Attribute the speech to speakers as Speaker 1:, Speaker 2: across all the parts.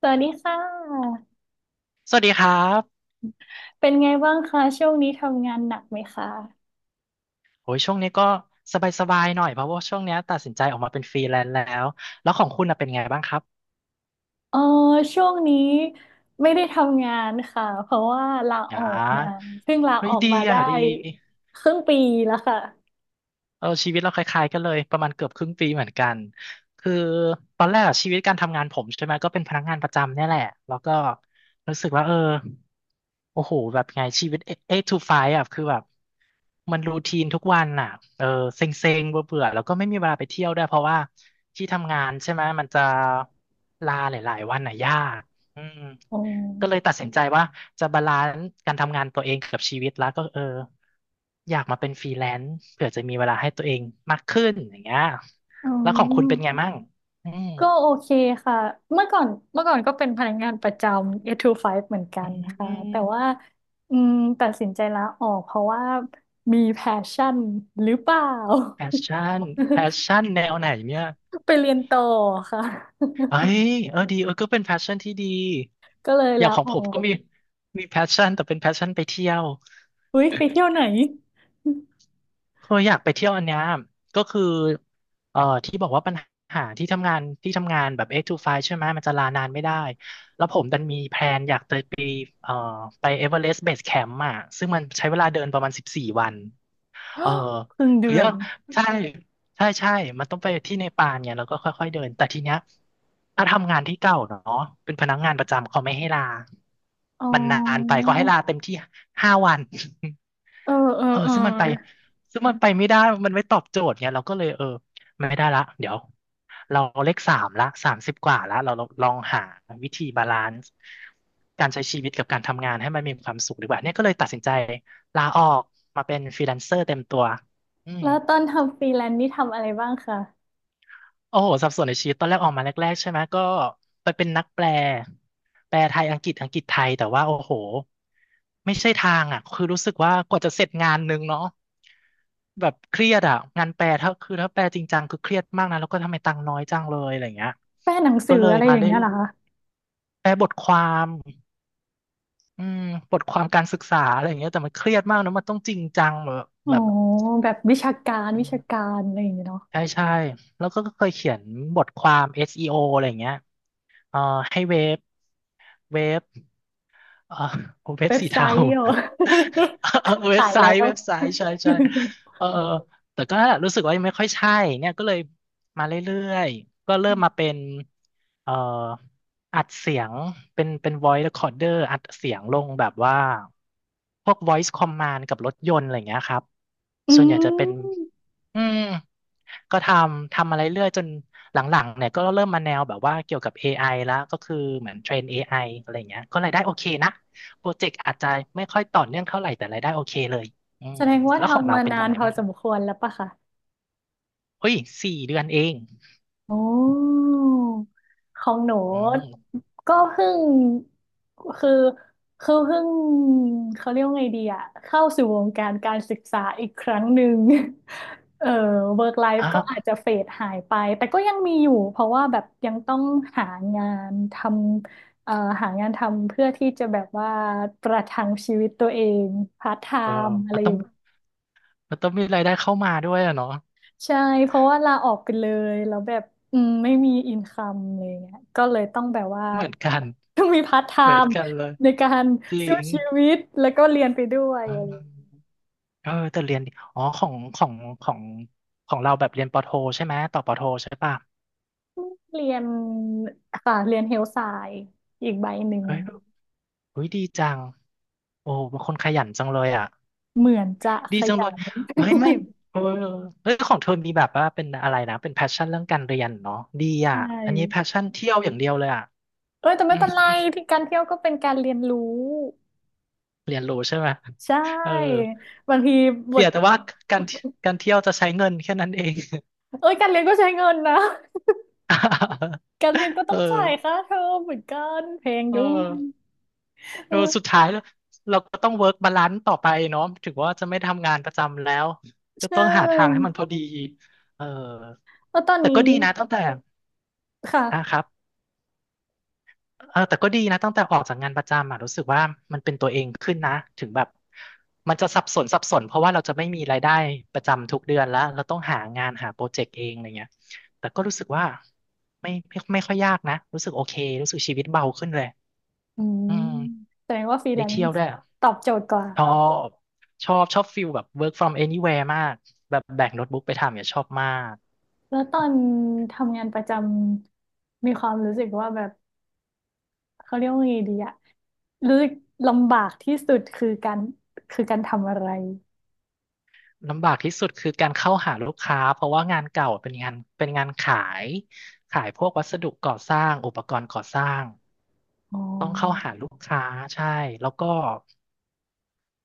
Speaker 1: สวัสดีค่ะ
Speaker 2: สวัสดีครับ
Speaker 1: เป็นไงบ้างคะช่วงนี้ทำงานหนักไหมคะ
Speaker 2: โอ้ยช่วงนี้ก็สบายๆหน่อยเพราะว่าช่วงเนี้ยตัดสินใจออกมาเป็นฟรีแลนซ์แล้ว แล้วของคุณน่ะเป็นไงบ้างครับ
Speaker 1: เออช่วงนี้ไม่ได้ทำงานค่ะเพราะว่าลาอ
Speaker 2: อ่
Speaker 1: อกมา
Speaker 2: า
Speaker 1: เพิ่งลา
Speaker 2: เฮ้
Speaker 1: อ
Speaker 2: ย
Speaker 1: อก
Speaker 2: ดี
Speaker 1: มา
Speaker 2: อ่ะ
Speaker 1: ได้
Speaker 2: ดี
Speaker 1: ครึ่งปีแล้วค่ะ
Speaker 2: เออชีวิตเราคล้ายๆกันเลยประมาณเกือบครึ่งปีเหมือนกันคือตอนแรกอะชีวิตการทำงานผมใช่ไหมก็เป็นพนักงานประจำเนี่ยแหละแล้วก็รู้สึกว่าโอ้โหแบบไงชีวิต e i g t o f อ่ะคือแบบมันรูทีนทุกวันอ่ะเออเซ็งๆเบื่อๆแล้วก็ไม่มีเวลาไปเที่ยวด้วยเพราะว่าที่ทำงานใช่ไหมมันจะลาหลายๆวันอ่ะยากอืม
Speaker 1: อื
Speaker 2: ก็เลย
Speaker 1: ม
Speaker 2: ตัดสินใจว่าจะบาลานซ์การทำงานตัวเองกับชีวิตแล้วก็อยากมาเป็นฟรีแลนซ์เผื่อจะมีเวลาให้ตัวเองมากขึ้นอย่างเงี้ย
Speaker 1: อื
Speaker 2: แล้วของคุณเป็นไง
Speaker 1: ม
Speaker 2: มั่งอืม
Speaker 1: ก็โอเคค่ะเมื่อก่อนก็เป็นพนักงานประจำ8 to 5เหมือนกั
Speaker 2: อื
Speaker 1: นค่ะแต่ว่า
Speaker 2: ม
Speaker 1: อืมตัดสินใจลาออกเพราะว่ามีแพชชั่นหรือเปล่า
Speaker 2: แพชชั่นแพชชั่นแนวไหนเนี่ย
Speaker 1: ไปเรียนต่อค่ะ
Speaker 2: เอ้ยเออดีเออก็เป็นแพชชั่นที่ดี
Speaker 1: ก็เลย
Speaker 2: อย่า
Speaker 1: ลา
Speaker 2: งของ
Speaker 1: ออ
Speaker 2: ผมก็
Speaker 1: ก
Speaker 2: มีมีแพชชั่นแต่เป็นแพชชั่นไปเที่ยว
Speaker 1: อุ๊ยไปเที่ยวไหน
Speaker 2: เคยอยากไปเที่ยวอันเนี้ยก็คือที่บอกว่าปัญหาที่ทำงานแบบ8 to 5ใช่ไหม มันจะลานานไม่ได้ เอ่อไปเอเวอเรสต์เบสแคมป์อ่ะซึ่งมันใช้เวลาเดินประมาณสิบสี่วันเออ
Speaker 1: ครึ่ง
Speaker 2: คื
Speaker 1: เดื
Speaker 2: อ
Speaker 1: อ
Speaker 2: ก็
Speaker 1: น
Speaker 2: ใช่ใช่ใช่มันต้องไปที่เนปาลเนี่ยแล้วก็ค่อยๆเดินแต่ทีเนี้ยถ้าทำงานที่เก่าเนาะเป็นพนักงานประจำเขาไม่ให้ลา
Speaker 1: อ๋
Speaker 2: มันนานไป
Speaker 1: อ
Speaker 2: เขาให้ลาเต็มที่ห้าวัน
Speaker 1: เออเออ
Speaker 2: เออ
Speaker 1: เออ
Speaker 2: ซึ่งมันไปซึ่งมันไปไม่ได้ มันไม่ตอบโจทย์ไงเราก็เลยไม่ได้ละเดี๋ยวเราเลขสามละสามสิบกว่าละเราลองหาวิธีบาลานซ์การใช้ชีวิตกับการทำงานให้มันมีความสุขดีกว่าเนี่ยก็เลยตัดสินใจลาออกมาเป็นฟรีแลนเซอร์เต็มตัวอืม
Speaker 1: แล้วตอนทำฟรีแลนซ์นี่ทำอะไรบ้างคะ
Speaker 2: โอ้โหสับสนในชีวิตตอนแรกออกมาแรกๆใช่ไหมก็ไปเป็นนักแปลแปลไทยอังกฤษอังกฤษไทยแต่ว่าโอ้โหไม่ใช่ทางอ่ะคือรู้สึกว่ากว่าจะเสร็จงานนึงเนาะแบบเครียดอ่ะงานแปลถ้าแปลจริงจังคือเครียดมากนะแล้วก็ทำไมตังค์น้อยจังเลยอะไรเงี้ย
Speaker 1: แปลหนังสื
Speaker 2: ก็
Speaker 1: อ
Speaker 2: เลย
Speaker 1: อะไรอ
Speaker 2: มา
Speaker 1: ย่าง
Speaker 2: เล่
Speaker 1: เงี้
Speaker 2: น
Speaker 1: ยเหรอคะ
Speaker 2: แปลบทความอืมบทความการศึกษาอะไรอย่างเงี้ยแต่มันเครียดมากนะมันต้องจริงจังแบบ
Speaker 1: อ๋อ
Speaker 2: แบบ
Speaker 1: แบบวิชาการ
Speaker 2: อื
Speaker 1: วิ
Speaker 2: ม
Speaker 1: ชาการอะไรอย่างเงี้ยเนาะ
Speaker 2: ใช่ใช่แล้วก็เคยเขียนบทความ SEO อสอีโออะไรอย่างเงี้ยเอ่อให้เว็บ เว็บอ่าเว็บ
Speaker 1: เว็บ
Speaker 2: สี
Speaker 1: ไซ
Speaker 2: เทา
Speaker 1: ต์เหรอ
Speaker 2: เออ เว็บ
Speaker 1: ตาย
Speaker 2: ไซ
Speaker 1: แล้
Speaker 2: ต์
Speaker 1: ว
Speaker 2: เว็บไซต์ ใช่ใช่เออเออแต่ก็รู้สึกว่ายังไม่ค่อยใช่เนี่ยก็เลยมาเรื่อยๆ ก็เริ่มมาเป็ นเอ่ออัดเสียงเป็น voice recorder อัดเสียงลงแบบว่าพวก voice command กับรถยนต์อะไรอย่างเงี้ยครับ
Speaker 1: อื
Speaker 2: ส่วนใหญ่จะเป็น
Speaker 1: ม
Speaker 2: อืมก็ทำอะไรเรื่อยจนหลังๆเนี่ยก็เริ่มมาแนวแบบว่าเกี่ยวกับ a อไอแล้วก็คือเหมือนเทรน a อไออะไรอย่างเงี้ยก็รายได้โอเคนะโปรเจกต์อาจจะไม่ค่อยต่อเนื่องเท่าไหร่แต่รายได้โอเคเลยอื
Speaker 1: แส
Speaker 2: ม
Speaker 1: ดงว่า
Speaker 2: แล้วของ
Speaker 1: ทำ
Speaker 2: เรา
Speaker 1: มา
Speaker 2: เป็นต
Speaker 1: นา
Speaker 2: อน
Speaker 1: น
Speaker 2: ไหน
Speaker 1: พอ
Speaker 2: บ้าง
Speaker 1: สมควรแล้วปะคะ
Speaker 2: เฮ้ยสี่เดือนเอง
Speaker 1: โอ้ของหนู
Speaker 2: อืม
Speaker 1: ก็เพิ่งคือคือเพิ่งเขาเรียกว่าไงดีอะเข้าสู่วงการการศึกษาอีกครั้งหนึ่ง เออ work life ก็อาจ
Speaker 2: ฮะ
Speaker 1: จะเฟดหายไปแต่ก็ยังมีอยู่เพราะว่าแบบยังต้องหางานทำหางานทำเพื่อที่จะแบบว่าประทังชีวิตตัวเองพาร์ทไท
Speaker 2: เออ
Speaker 1: ม์อะ
Speaker 2: มั
Speaker 1: ไร
Speaker 2: น
Speaker 1: อ
Speaker 2: ต้อง
Speaker 1: ย่าง
Speaker 2: มันต้องมีรายได้เข้ามาด้วยอะเนาะ
Speaker 1: ใช่ เพราะว่าลาออกไปเลย แล้วแบบอืมไม่มีอินคัมอะไรเงี้ยก็เลยต้องแบบว่า
Speaker 2: เหมือนกัน
Speaker 1: ต้องมีพาร์ทไท
Speaker 2: เหมือน
Speaker 1: ม์
Speaker 2: กันเลย
Speaker 1: ในการ
Speaker 2: จริ
Speaker 1: สู้
Speaker 2: ง
Speaker 1: ชีวิตแล้วก็เรียนไปด้วย
Speaker 2: อื
Speaker 1: อะ
Speaker 2: ม
Speaker 1: ไรอย่างเงี้ย
Speaker 2: เออแต่เรียนดีอ๋อของของเราแบบเรียนปอโทใช่ไหมต่อปอโทใช่ป่ะ
Speaker 1: เรียนค่ะเรียนเฮลไซน์อีกใบหนึ่ง
Speaker 2: เฮ้ยเฮ้ยดีจังโอ้เป็นคนขยันจังเลยอ่ะ
Speaker 1: เหมือนจะข
Speaker 2: ดีจัง
Speaker 1: ยั
Speaker 2: เลย
Speaker 1: น
Speaker 2: ไม่ไม่เออเฮ้ยของเธอมีแบบว่าเป็นอะไรนะ เป็นแพชชั่นเรื่องการเรียนเนาะดี
Speaker 1: ใช่
Speaker 2: อ่ะอันนี้แพชชั่นเที่ยวอย่างเดียวเลยอ่ะ
Speaker 1: เอ้ยแต่
Speaker 2: อื
Speaker 1: ไม่
Speaker 2: ม
Speaker 1: เป็นไรที่การเที่ยวก็เป็นการเรียนรู้
Speaker 2: เรียนรู้ใช่ไหม
Speaker 1: ใช่
Speaker 2: เออ
Speaker 1: บางทีบ
Speaker 2: เสี
Speaker 1: ท
Speaker 2: ยแต่ว่าการการเที่ยวจะใช้เงินแค่นั้นเอง
Speaker 1: เอ้ยการเรียนก็ใช้เงินนะ การเรียนก็ต้
Speaker 2: เอ
Speaker 1: องจ่าย
Speaker 2: อ
Speaker 1: ค่าเทอมเหมือนกันแพง
Speaker 2: เออ
Speaker 1: ด้วยเอ
Speaker 2: เอ
Speaker 1: อ
Speaker 2: อสุดท้ายแล้วเราก็ต้องเวิร์กบาลานซ์ต่อไปเนาะถึงว่าจะไม่ทำงานประจำแล้ว ก็
Speaker 1: ใช
Speaker 2: ต้องหาทางให้
Speaker 1: ่
Speaker 2: มันพอดีเออ
Speaker 1: แล้วตอน
Speaker 2: แต่
Speaker 1: นี้
Speaker 2: ก็ดีนะตั้งแต่อ่ะค
Speaker 1: ค่ะ
Speaker 2: รับเออแต่ก็ดีนะตั้งแต่ออกจากงานประจำอ่ะรู้สึกว่ามันเป็นตัวเองขึ้นนะถึงแบบมันจะสับสนเพราะว่าเราจะไม่มีรายได้ประจำทุกเดือนแล้วเราต้องหางานหาโปรเจกต์เองอะไรเงี้ยแต่ก็รู้สึกว่าไม่ค่อยยากนะรู้สึกโอเครู้สึกชีวิตเบาขึ้นเลย
Speaker 1: อืม
Speaker 2: อืม
Speaker 1: แสดงว่าฟรีแล
Speaker 2: ได้
Speaker 1: น
Speaker 2: เที่ยว
Speaker 1: ซ์
Speaker 2: ด้วย
Speaker 1: ตอบโจทย์กว่า
Speaker 2: ชอบชอบชอบฟิลแบบ work from anywhere มากแบบแบกโน้ตบุ๊กไปทำเนี่ยชอบมาก
Speaker 1: แล้วตอนทำงานประจำมีความรู้สึกว่าแบบเขาเรียกว่าไงดีอะรู้สึกลำบากที่สุดคือการคือการทำอะไร
Speaker 2: ลำบากที่สุดคือการเข้าหาลูกค้า เพราะว่างานเก่าเป็นงานเป็นงานขายขายพวกวัสดุก่อสร้างอุปกรณ์ก่อสร้าง
Speaker 1: อ๋อ
Speaker 2: ต้องเข้าหาลูกค้าใช่แล้วก็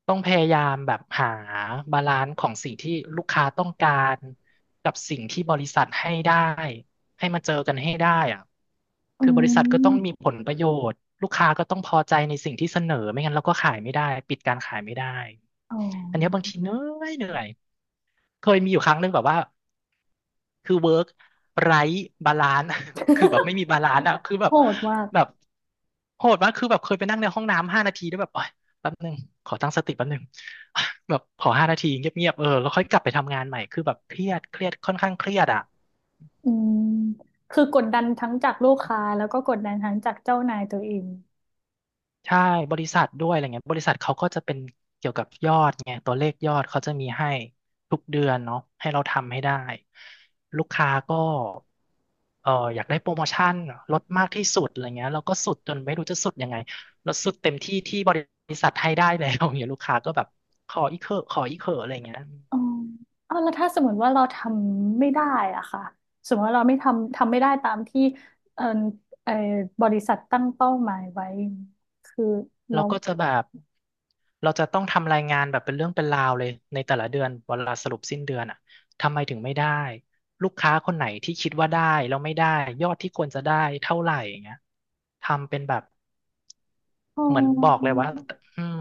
Speaker 2: ต้องพยายามแบบหาบาลานซ์ของสิ่งที่ลูกค้าต้องการกับสิ่งที่บริษัทให้ได้ให้มาเจอกันให้ได้อะ
Speaker 1: อื
Speaker 2: คือบริษัทก็ต้องมี
Speaker 1: ม
Speaker 2: ผลประโยชน์ลูกค้าก็ต้องพอใจในสิ่งที่เสนอไม่งั้นเราก็ขายไม่ได้ปิดการขายไม่ได้
Speaker 1: อ๋อ
Speaker 2: อันเนี้ยบางทีเหนื่อยเคยมีอยู่ครั้งหนึ่งแบบว่า คือเวิร์กไร้บาลานซ์ คือแบบไม่มีบาลานซ์อะคือแบ
Speaker 1: โห
Speaker 2: บ
Speaker 1: ดมาก
Speaker 2: แบบโหดมากคือแบบเคยไปนั่งในห้องน้ำห้านาทีแล้วยแบบโอ๊ยแป๊บนึงขอตั้งสติแป๊บนึง แบบขอห้านาทีเงียบๆเออแล้วค่อยกลับไปทำงานใหม่คือแบบเครียดค่อนข้างเครียดอะ
Speaker 1: อืม คือกดดันทั้งจากลูกค้าแล้วก็กดดันทั้งจากเจ้านายตัวเอง
Speaker 2: ใช่บริษัทด้วยอะไรเงี้ยบริษัทเขาก็จะเป็นเกี่ยวกับยอดไงตัวเลขยอดเขาจะมีให้ทุกเดือนเนาะให้เราทำให้ได้ลูกค้าก็เอออยากได้โปรโมชั่นลดมากที่สุดอะไรเงี้ยเราก็สุดจนไม่รู้จะสุดยังไงเราสุดเต็มที่ที่บริษัทให้ได้แล้ว อย่างเงี้ยลูกค้าก็แบบขออีกเถอะขออีกเถอะอะไรเงี้ย
Speaker 1: อ๋อเอาแล้วถ้าสมมติว่าเราทำไม่ได้อะค่ะสมมติว่าเราไม่ทำทำไม่ได้ตามที่เออเออบริษัทตั้งเป้าหมายไว้ คือเรา
Speaker 2: เราก็จะแบบเราจะต้องทำรายงานแบบเป็นเรื่องเป็นราวเลยในแต่ละเดือนเวลาสรุปสิ้นเดือนอ่ะทำไมถึงไม่ได้ลูกค้าคนไหนที่คิดว่าได้แล้วไม่ได้ยอดที่ควรจะได้เท่าไหร่อย่างเงี้ยทำเป็นแบบ
Speaker 1: อ๋
Speaker 2: เหมือนบอกเล
Speaker 1: อ
Speaker 2: ยว่าอืม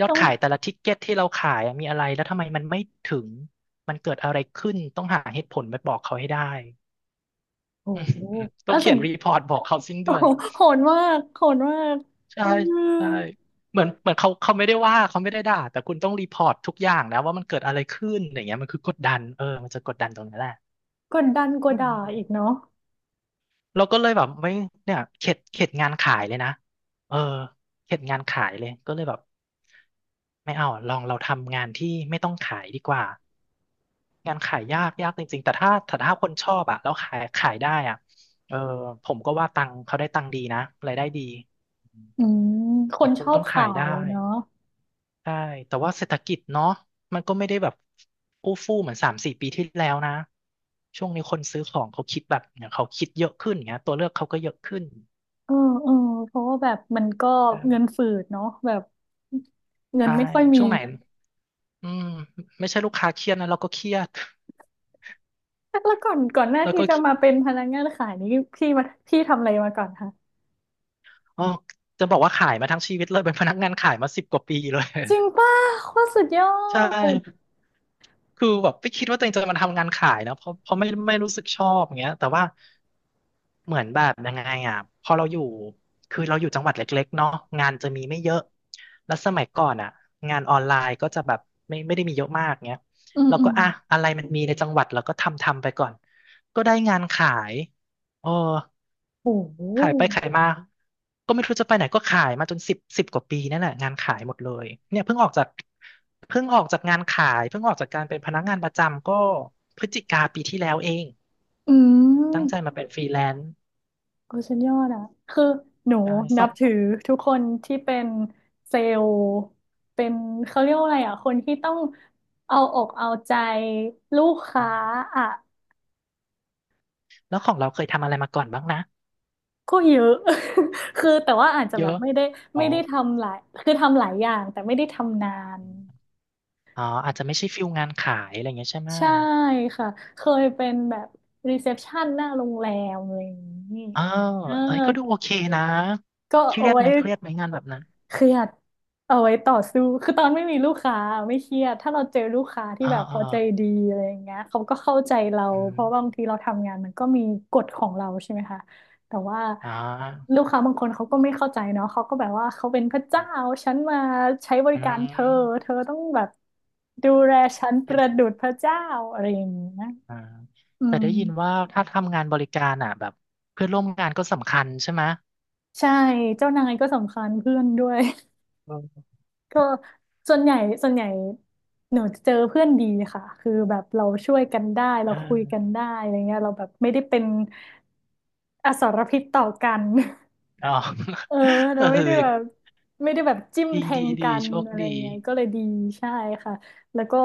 Speaker 2: ยอด
Speaker 1: ต้อง
Speaker 2: ขายแต่ละทิกเก็ตที่เราขายอะมีอะไรแล้วทำไมมันไม่ถึงมันเกิดอะไรขึ้นต้องหาเหตุผลไปบอกเขาให้ได้
Speaker 1: โอ้
Speaker 2: อืม
Speaker 1: โหเอ
Speaker 2: ต้
Speaker 1: อ
Speaker 2: องเขี
Speaker 1: สิ่
Speaker 2: ย
Speaker 1: ง
Speaker 2: นรีพอร์ตบอกเขาสิ้น
Speaker 1: โอ้
Speaker 2: เดือ
Speaker 1: โห
Speaker 2: น
Speaker 1: โหดมากโหดมาก
Speaker 2: ใช่
Speaker 1: อืม
Speaker 2: ใช่เหมือนเขาไม่ได้ว่าเขาไม่ได้ด่าแต่คุณต้องรีพอร์ตทุกอย่างนะว่ามันเกิดอะไรขึ้นอย่างเงี้ยมันคือกดดันเออมันจะกดดันตรงนั้นแหละ
Speaker 1: กดดันกว่า
Speaker 2: อื
Speaker 1: ด่าอีก
Speaker 2: ม
Speaker 1: เนาะ
Speaker 2: เราก็เลยแบบไม่เนี่ยเข็ดงานขายเลยนะเออเข็ดงานขายเลยก็เลยแบบไม่เอาลองเราทำงานที่ไม่ต้องขายดีกว่างานขายยากจริงๆแต่ถ้าคนชอบอะแล้วขายได้อะเออผมก็ว่าตังค์เขาได้ตังค์ดีนะรายได้ดีอืม
Speaker 1: อืมค
Speaker 2: แต่
Speaker 1: นช
Speaker 2: คุณ
Speaker 1: อ
Speaker 2: ต้
Speaker 1: บ
Speaker 2: องขา
Speaker 1: ขา
Speaker 2: ยได้
Speaker 1: ยเนาะ
Speaker 2: ใช่ แต่ว่าเศรษฐกิจเนาะมันก็ไม่ได้แบบอู้ฟู่เหมือนสามสี่ปีที่แล้วนะ ช่วงนี้คนซื้อของเขาคิดแบบเนี่ยเขาคิดเยอะขึ้นเงี้ยตัวเลือกเขาก็เยอะขึ้น
Speaker 1: เออเออเพราะว่าแบบมันก็เงิน
Speaker 2: เออ
Speaker 1: ฝืดเนาะแบบเงิน
Speaker 2: ใช่
Speaker 1: ไม่ค่อยมี
Speaker 2: ช่วงไหนอืมไม่ใช่ลูกค้าเครียดนะเราก็เครียด
Speaker 1: แล้วก่อนก่อนหน้า
Speaker 2: แล้ว
Speaker 1: ที่
Speaker 2: ก็
Speaker 1: จะมาเป็นพนักงานขายนี้พี่มาพี่ทำอะไรมาก่อนคะ
Speaker 2: อ๋อจะบอกว่าขายมาทั้งชีวิตเลยเป็นพนักงานขายมาสิบกว่าปีเลย
Speaker 1: จริงป่ะโคตรสุดยอ
Speaker 2: ใช่
Speaker 1: ด
Speaker 2: คือแบบไม่คิดว่าตัวเองจะมาทำงานขายนะ เพราะไม่รู้สึกชอบอย่างเงี้ยแต่ว่าเหมือนแบบยังไงอ่ะพอเราอยู่คือเราอยู่จังหวัดเล็กๆเนาะงานจะมีไม่เยอะ แล้วสมัยก่อนอ่ะงานออนไลน์ก็จะแบบไม่ได้มีเยอะมากเงี้ย
Speaker 1: อืม
Speaker 2: เรา
Speaker 1: อื
Speaker 2: ก็
Speaker 1: ม
Speaker 2: อ่ะอะไรมันมีในจังหวัดเราก็ทำไปก่อน ก็ได้งานขายเออ
Speaker 1: โอ้โห
Speaker 2: ขายไปขายมาก็ไม่รู้จะไปไหนก็ขายมาจนสิบกว่าปีนั่นแหละงานขายหมดเลยเนี่ยเพิ่งออกจากเพิ่งออกจากงานขายเพิ่งออกจากการเป็นพนักงานประจำก็พฤศจิกาปีที่แล้วเอง
Speaker 1: อื
Speaker 2: ตั้งใจ
Speaker 1: ม
Speaker 2: มาเป็นฟรีแลนซ์
Speaker 1: โอ้สุดยอดอ่ะคือหนู
Speaker 2: ใช่
Speaker 1: นั
Speaker 2: ส่
Speaker 1: บ
Speaker 2: ง
Speaker 1: ถือทุกคนที่เป็นเซลล์เป็นเขาเรียกว่าอะไรอ่ะคนที่ต้องเอาอกเอาใจลูก
Speaker 2: อื
Speaker 1: ค้า
Speaker 2: ม
Speaker 1: อ่ะ
Speaker 2: แล้วของเราเคยทำอะไรมาก่อนบ้างนะ
Speaker 1: ก็เยอะ คือแต่ว่าอาจจะ
Speaker 2: เย
Speaker 1: แบบ
Speaker 2: อะ
Speaker 1: ไม่ได้
Speaker 2: อ๋อ
Speaker 1: ไม่ได้ทำหลายคือทำหลายอย่างแต่ไม่ได้ทำนาน
Speaker 2: อ๋ออาจจะไม่ใช่ฟิลงานขายอะไรอย่างเงี้ยใช่ไหม
Speaker 1: ใช่ค่ะเคยเป็นแบบรีเซพชันหน้าโรงแรมอะไรอย่างนี้
Speaker 2: เออ
Speaker 1: เออ
Speaker 2: เอ้ยก็ดูโอเคนะ
Speaker 1: ก็
Speaker 2: เครี
Speaker 1: เอา
Speaker 2: ยด
Speaker 1: ไว้
Speaker 2: ไหมเครียดไหมงานแบบนั้น
Speaker 1: เครียดเอาไว้ต่อสู้คือตอนไม่มีลูกค้าไม่เครียดถ้าเราเจอลูกค้าที่
Speaker 2: อ่า
Speaker 1: แบบ
Speaker 2: อ่า
Speaker 1: เขาใจดีอะไรอย่างเงี้ยเขาก็เข้าใจเรา
Speaker 2: อื
Speaker 1: เพ
Speaker 2: ม
Speaker 1: ราะบางทีเราทำงานมันก็มีกฎของเราใช่ไหมคะแต่ว่า
Speaker 2: อ่า
Speaker 1: ลูกค้าบางคนเขาก็ไม่เข้าใจเนาะเขาก็แบบว่าเขาเป็นพระเจ้าฉันมาใช้บริการเธอ
Speaker 2: อื
Speaker 1: เธอต้องแบบดูแลฉันประ
Speaker 2: ม
Speaker 1: ดุจพระเจ้าอะไรอย่างเงี้ย
Speaker 2: อ่า
Speaker 1: อื
Speaker 2: แต่
Speaker 1: ม
Speaker 2: ได้ยินว่าถ้าทำงานบริการอ่ะแบบเพื่อนร่วมงานก็สำคัญใช่ไหม
Speaker 1: ใช่เจ้านายก็สำคัญเพื่อนด้วย
Speaker 2: เอื
Speaker 1: ก็ส่วนใหญ่ส่วนใหญ่หนูเจอเพื่อนดีค่ะคือแบบเราช่วยกันได้เรา
Speaker 2: เอ
Speaker 1: คุย
Speaker 2: อ
Speaker 1: กันได้อะไรเงี้ยเราแบบไม่ได้เป็นอสรพิษต่อกัน
Speaker 2: อ๋อ
Speaker 1: เออ เรา
Speaker 2: เออ
Speaker 1: ไม่ได้แบบไม่ได้แบบจิ้ม
Speaker 2: ดี
Speaker 1: แท
Speaker 2: ดี
Speaker 1: งกั
Speaker 2: ดี
Speaker 1: น
Speaker 2: โชค
Speaker 1: อะไร
Speaker 2: ดี
Speaker 1: เงี้ยก็เลยดีใช่ค่ะแล้วก็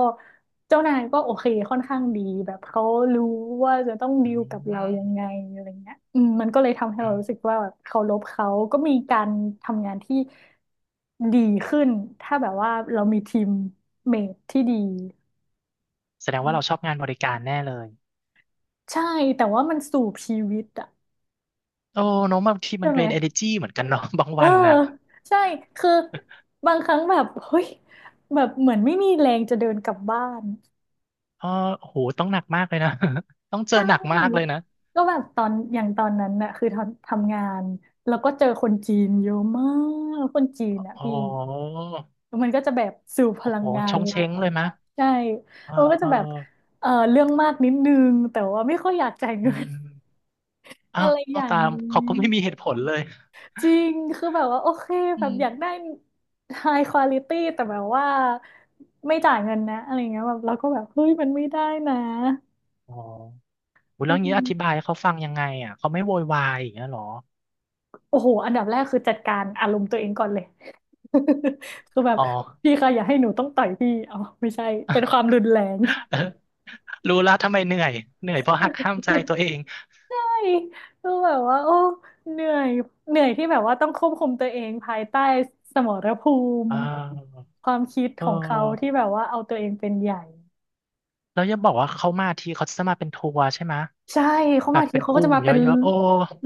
Speaker 1: เจ้านายก็โอเคค่อนข้างดีแบบเขารู้ว่าจะต้องดี
Speaker 2: อื
Speaker 1: ลกับเรายัง
Speaker 2: ม
Speaker 1: ไงอะไรเงี้ยอืมมันก็เลยทำให้
Speaker 2: อื
Speaker 1: เรารู้สึก
Speaker 2: ม
Speaker 1: ว่าแบบเคารพเขาก็มีการทำงานที่ดีขึ้นถ้าแบบว่าเรามีทีมเมทที่ดี
Speaker 2: แสดงว่าเราชอบงานบริการแน่เลย
Speaker 1: ใช่แต่ว่ามันสู่ชีวิตอะ
Speaker 2: โอ้เน้องบางทีมั
Speaker 1: ใช่
Speaker 2: น
Speaker 1: ไหม
Speaker 2: เป็น energy เหมือนกันเนาะ บาง
Speaker 1: เออ
Speaker 2: วันน่ะ
Speaker 1: ใช่คือบางครั้งแบบเฮ้ยแบบเหมือนไม่มีแรงจะเดินกลับบ้าน
Speaker 2: เออโอ้โหต้องหนักมากเลยนะ ต้องเจ
Speaker 1: ใช
Speaker 2: อหนักมากเลย
Speaker 1: ่
Speaker 2: นะ
Speaker 1: ก็แบบตอนอย่างตอนนั้นน่ะคือทำงานแล้วก็เจอคนจีนเยอะมากคนจีน
Speaker 2: โอ้
Speaker 1: น่ะ
Speaker 2: โ
Speaker 1: พี่
Speaker 2: ห
Speaker 1: แล้วมันก็จะแบบสูบพ
Speaker 2: อ้
Speaker 1: ลั
Speaker 2: โห
Speaker 1: งงา
Speaker 2: ช
Speaker 1: น
Speaker 2: ง
Speaker 1: เรา
Speaker 2: เช้งเลยมะ
Speaker 1: ใช่
Speaker 2: เออ
Speaker 1: มันก็
Speaker 2: เอ
Speaker 1: จะ
Speaker 2: อ
Speaker 1: แบบเออเรื่องมากนิดนึงแต่ว่าไม่ค่อยอยากจ่าย
Speaker 2: อื
Speaker 1: เงิน
Speaker 2: ม อ้า
Speaker 1: อะไรอ
Speaker 2: ว
Speaker 1: ย่าง
Speaker 2: ตาม
Speaker 1: นี้
Speaker 2: เขาก็ไม่มีเหตุผลเลย
Speaker 1: จริงคือแบบว่าโอเค
Speaker 2: อื
Speaker 1: แบบ
Speaker 2: ม
Speaker 1: อยากได้ high quality แต่แบบว่าไม่จ่ายเงินนะอะไรเงี้ยแบบเราก็แบบเฮ้ยมันไม่ได้นะ
Speaker 2: อ๋อ อุ๊ย
Speaker 1: อื
Speaker 2: แล้วงี้อธิบา
Speaker 1: ม
Speaker 2: ยให้เขาฟังยังไงอ่ะเขาไม่โวยวายอย่างเงี้ยเหรอ
Speaker 1: โอ้โหอันดับแรกคือจัดการอารมณ์ตัวเองก่อนเลย คือแบบ
Speaker 2: อ๋อ
Speaker 1: พี่คะอย่าให้หนูต้องต่อยพี่เอาไม่ใช่เป็นความรุนแรง
Speaker 2: เออรู้แล้วทำไมเหนื่อยเหนื่อยเพราะหักห้ามใจตัว เอง
Speaker 1: ใช่คือแบบว่าโอ้เหนื่อยเหนื่อยที่แบบว่าต้องควบคุมตัวเองภายใต้สมรภู
Speaker 2: เอ
Speaker 1: มิ
Speaker 2: อ
Speaker 1: ความคิด
Speaker 2: เอ
Speaker 1: ของเขาที่
Speaker 2: อ
Speaker 1: แบบว่าเอาตัวเองเป็นใหญ่
Speaker 2: แล้วอย่าบอกว่าเขามาทีเขาจะมาเป็นทัวร์ใช่ไหมะ
Speaker 1: ใช่เขา
Speaker 2: แบ
Speaker 1: มา
Speaker 2: บ
Speaker 1: ที
Speaker 2: เป็น
Speaker 1: เขา
Speaker 2: ก
Speaker 1: ก็
Speaker 2: ลุ่
Speaker 1: จะ
Speaker 2: ม
Speaker 1: มา
Speaker 2: เย
Speaker 1: เป็น
Speaker 2: อะๆโอ้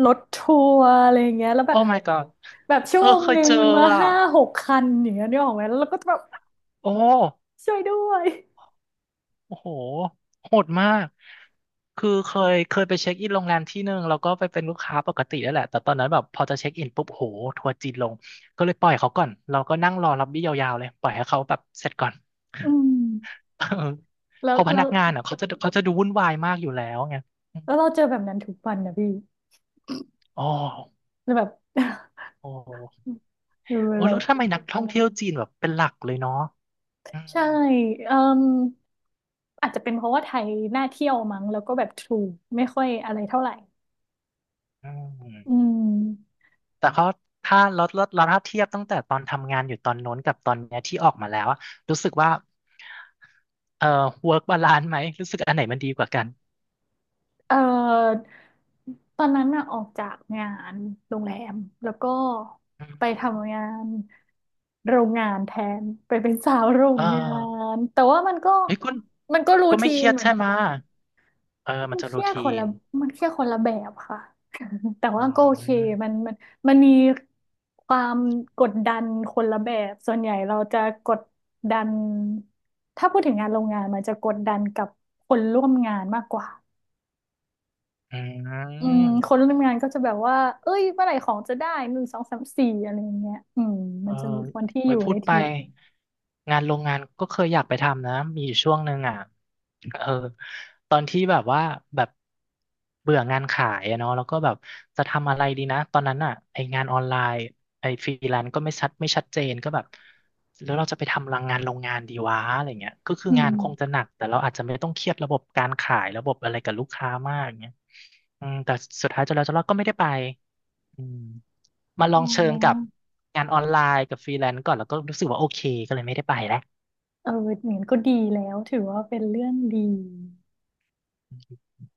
Speaker 1: รถทัวร์อะไรอย่างเงี้ยแล้วแบ
Speaker 2: โอ้
Speaker 1: บ
Speaker 2: my god
Speaker 1: แบบชั่
Speaker 2: เอ
Speaker 1: ว
Speaker 2: อ
Speaker 1: โมง
Speaker 2: เค
Speaker 1: ห
Speaker 2: ย
Speaker 1: นึ่
Speaker 2: เจ
Speaker 1: ง
Speaker 2: อ
Speaker 1: มา
Speaker 2: อ่ะ
Speaker 1: ห้าหกคันอย่างเงี้ยนึกออกไหมแล้วเราก็จะแบบ
Speaker 2: โอ้
Speaker 1: ช่วยด้วย
Speaker 2: โอ้โห โหดมากคือเคยไปเช็คอินโรงแรมที่หนึ่งแล้วก็ไปเป็นลูกค้าปกตินั่นแหละแต่ตอนนั้นแบบพอจะเช็คอินปุ๊บโหทัวร์จีนลงก็เลยปล่อยเขาก่อนเราก็นั่งรอล็อบบี้ยาวๆเลยปล่อยให้เขาแบบเสร็จก่อน
Speaker 1: อืม
Speaker 2: เออ
Speaker 1: แล้
Speaker 2: เพ
Speaker 1: ว
Speaker 2: อพ
Speaker 1: แล้
Speaker 2: นั
Speaker 1: ว
Speaker 2: กงานอ่ะเขาจะดูวุ่นวายมากอยู่แล้วไงอม
Speaker 1: แล้วเราเจอแบบนั้นทุกวันนะพี่
Speaker 2: อ๋อ
Speaker 1: แล้วแบบ
Speaker 2: โอ้โห
Speaker 1: เออ
Speaker 2: โอ้
Speaker 1: เรา
Speaker 2: แล้วทำไมนักท่องเที่ยวจีนแบบเป็นหลักเลยเนาะอืม
Speaker 1: ใช่เอ่มอาจจะเป็นเพราะว่าไทยน่าเที่ยวมั้งแล้วก็แบบถูกไม่ค่อยอะไรเท่าไหร่
Speaker 2: อื
Speaker 1: อื
Speaker 2: ม
Speaker 1: ม
Speaker 2: แต่เขาถ้าเราถ้าเทียบตั้งแต่ตอนทำงานอยู่ตอนโน้นกับตอนเนี้ยที่ออกมาแล้วอะรู้สึกว่าwork balance ไหมรู้สึกอันไหนมันดีกว่ากัน
Speaker 1: เอ่อตอนนั้นน่ะออกจากงานโรงแรมแล้วก็ไป
Speaker 2: อืม
Speaker 1: ทำงานโรงงานแทนไปเป็นสาวโรง
Speaker 2: เออ
Speaker 1: งานแต่ว่ามันก็
Speaker 2: เฮ้ยคุณ
Speaker 1: มันก็รู
Speaker 2: ก็ไม่
Speaker 1: ที
Speaker 2: เค
Speaker 1: น
Speaker 2: รียด
Speaker 1: เหมือน
Speaker 2: ใช่ไห
Speaker 1: กั
Speaker 2: มะ
Speaker 1: น
Speaker 2: เออ
Speaker 1: มั
Speaker 2: มัน
Speaker 1: น
Speaker 2: จะ
Speaker 1: เครี
Speaker 2: รู
Speaker 1: ยดค
Speaker 2: ที
Speaker 1: นละ
Speaker 2: น
Speaker 1: มันเครียดคนละแบบค่ะ แต่
Speaker 2: อ๋
Speaker 1: ว่าก็โอเค
Speaker 2: อ
Speaker 1: มันมันมันมีความกดดันคนละแบบส่วนใหญ่เราจะกดดันถ้าพูดถึงงานโรงงานมันจะกดดันกับคนร่วมงานมากกว่า
Speaker 2: อื
Speaker 1: อืมคน
Speaker 2: ม
Speaker 1: ร่วมงานก็จะแบบว่า เอ้ยเมื่อไหร่ของจะได้หนึ่งสองสามสี่อะไรอย่างเงี้ยอืม
Speaker 2: เอ
Speaker 1: มั
Speaker 2: อ
Speaker 1: นจะมีคนที่อ
Speaker 2: ไว้
Speaker 1: ยู่
Speaker 2: พู
Speaker 1: ใน
Speaker 2: ดไป
Speaker 1: ทีม
Speaker 2: งานโรงงานก็เคยอยากไปทำนะมีอยู่ช่วงหนึ่งอ่ะเออตอนที่แบบว่าแบบเบื่องานขายอะเนาะแล้วก็แบบจะทำอะไรดีนะตอนนั้นอ่ะไองานออนไลน์ไอฟรีแลนซ์ก็ไม่ชัดเจนก็แบบแล้วเราจะไปทำรังงานโรงงานดีวะอะไรเงี้ยก็คือ
Speaker 1: อื
Speaker 2: งา
Speaker 1: ม
Speaker 2: นคงจะหนักแต่เราอาจจะไม่ต้องเครียดระบบการขายระบบอะไรกับลูกค้ามากเงี้ยอืมแต่สุดท้ายจนแล้วจนรอดก็ไม่ได้ไป อืมมาล
Speaker 1: อ๋
Speaker 2: องเชิงกับ
Speaker 1: อ
Speaker 2: งานออนไลน์กับฟรีแลนซ์ก่อนแล้วก็รู้สึกว่าโอเคก็เลยไม่ได้ไปแล้ว
Speaker 1: เออเหมือนก็ดีแล้ว ถือว่าเป็นเรื่องดี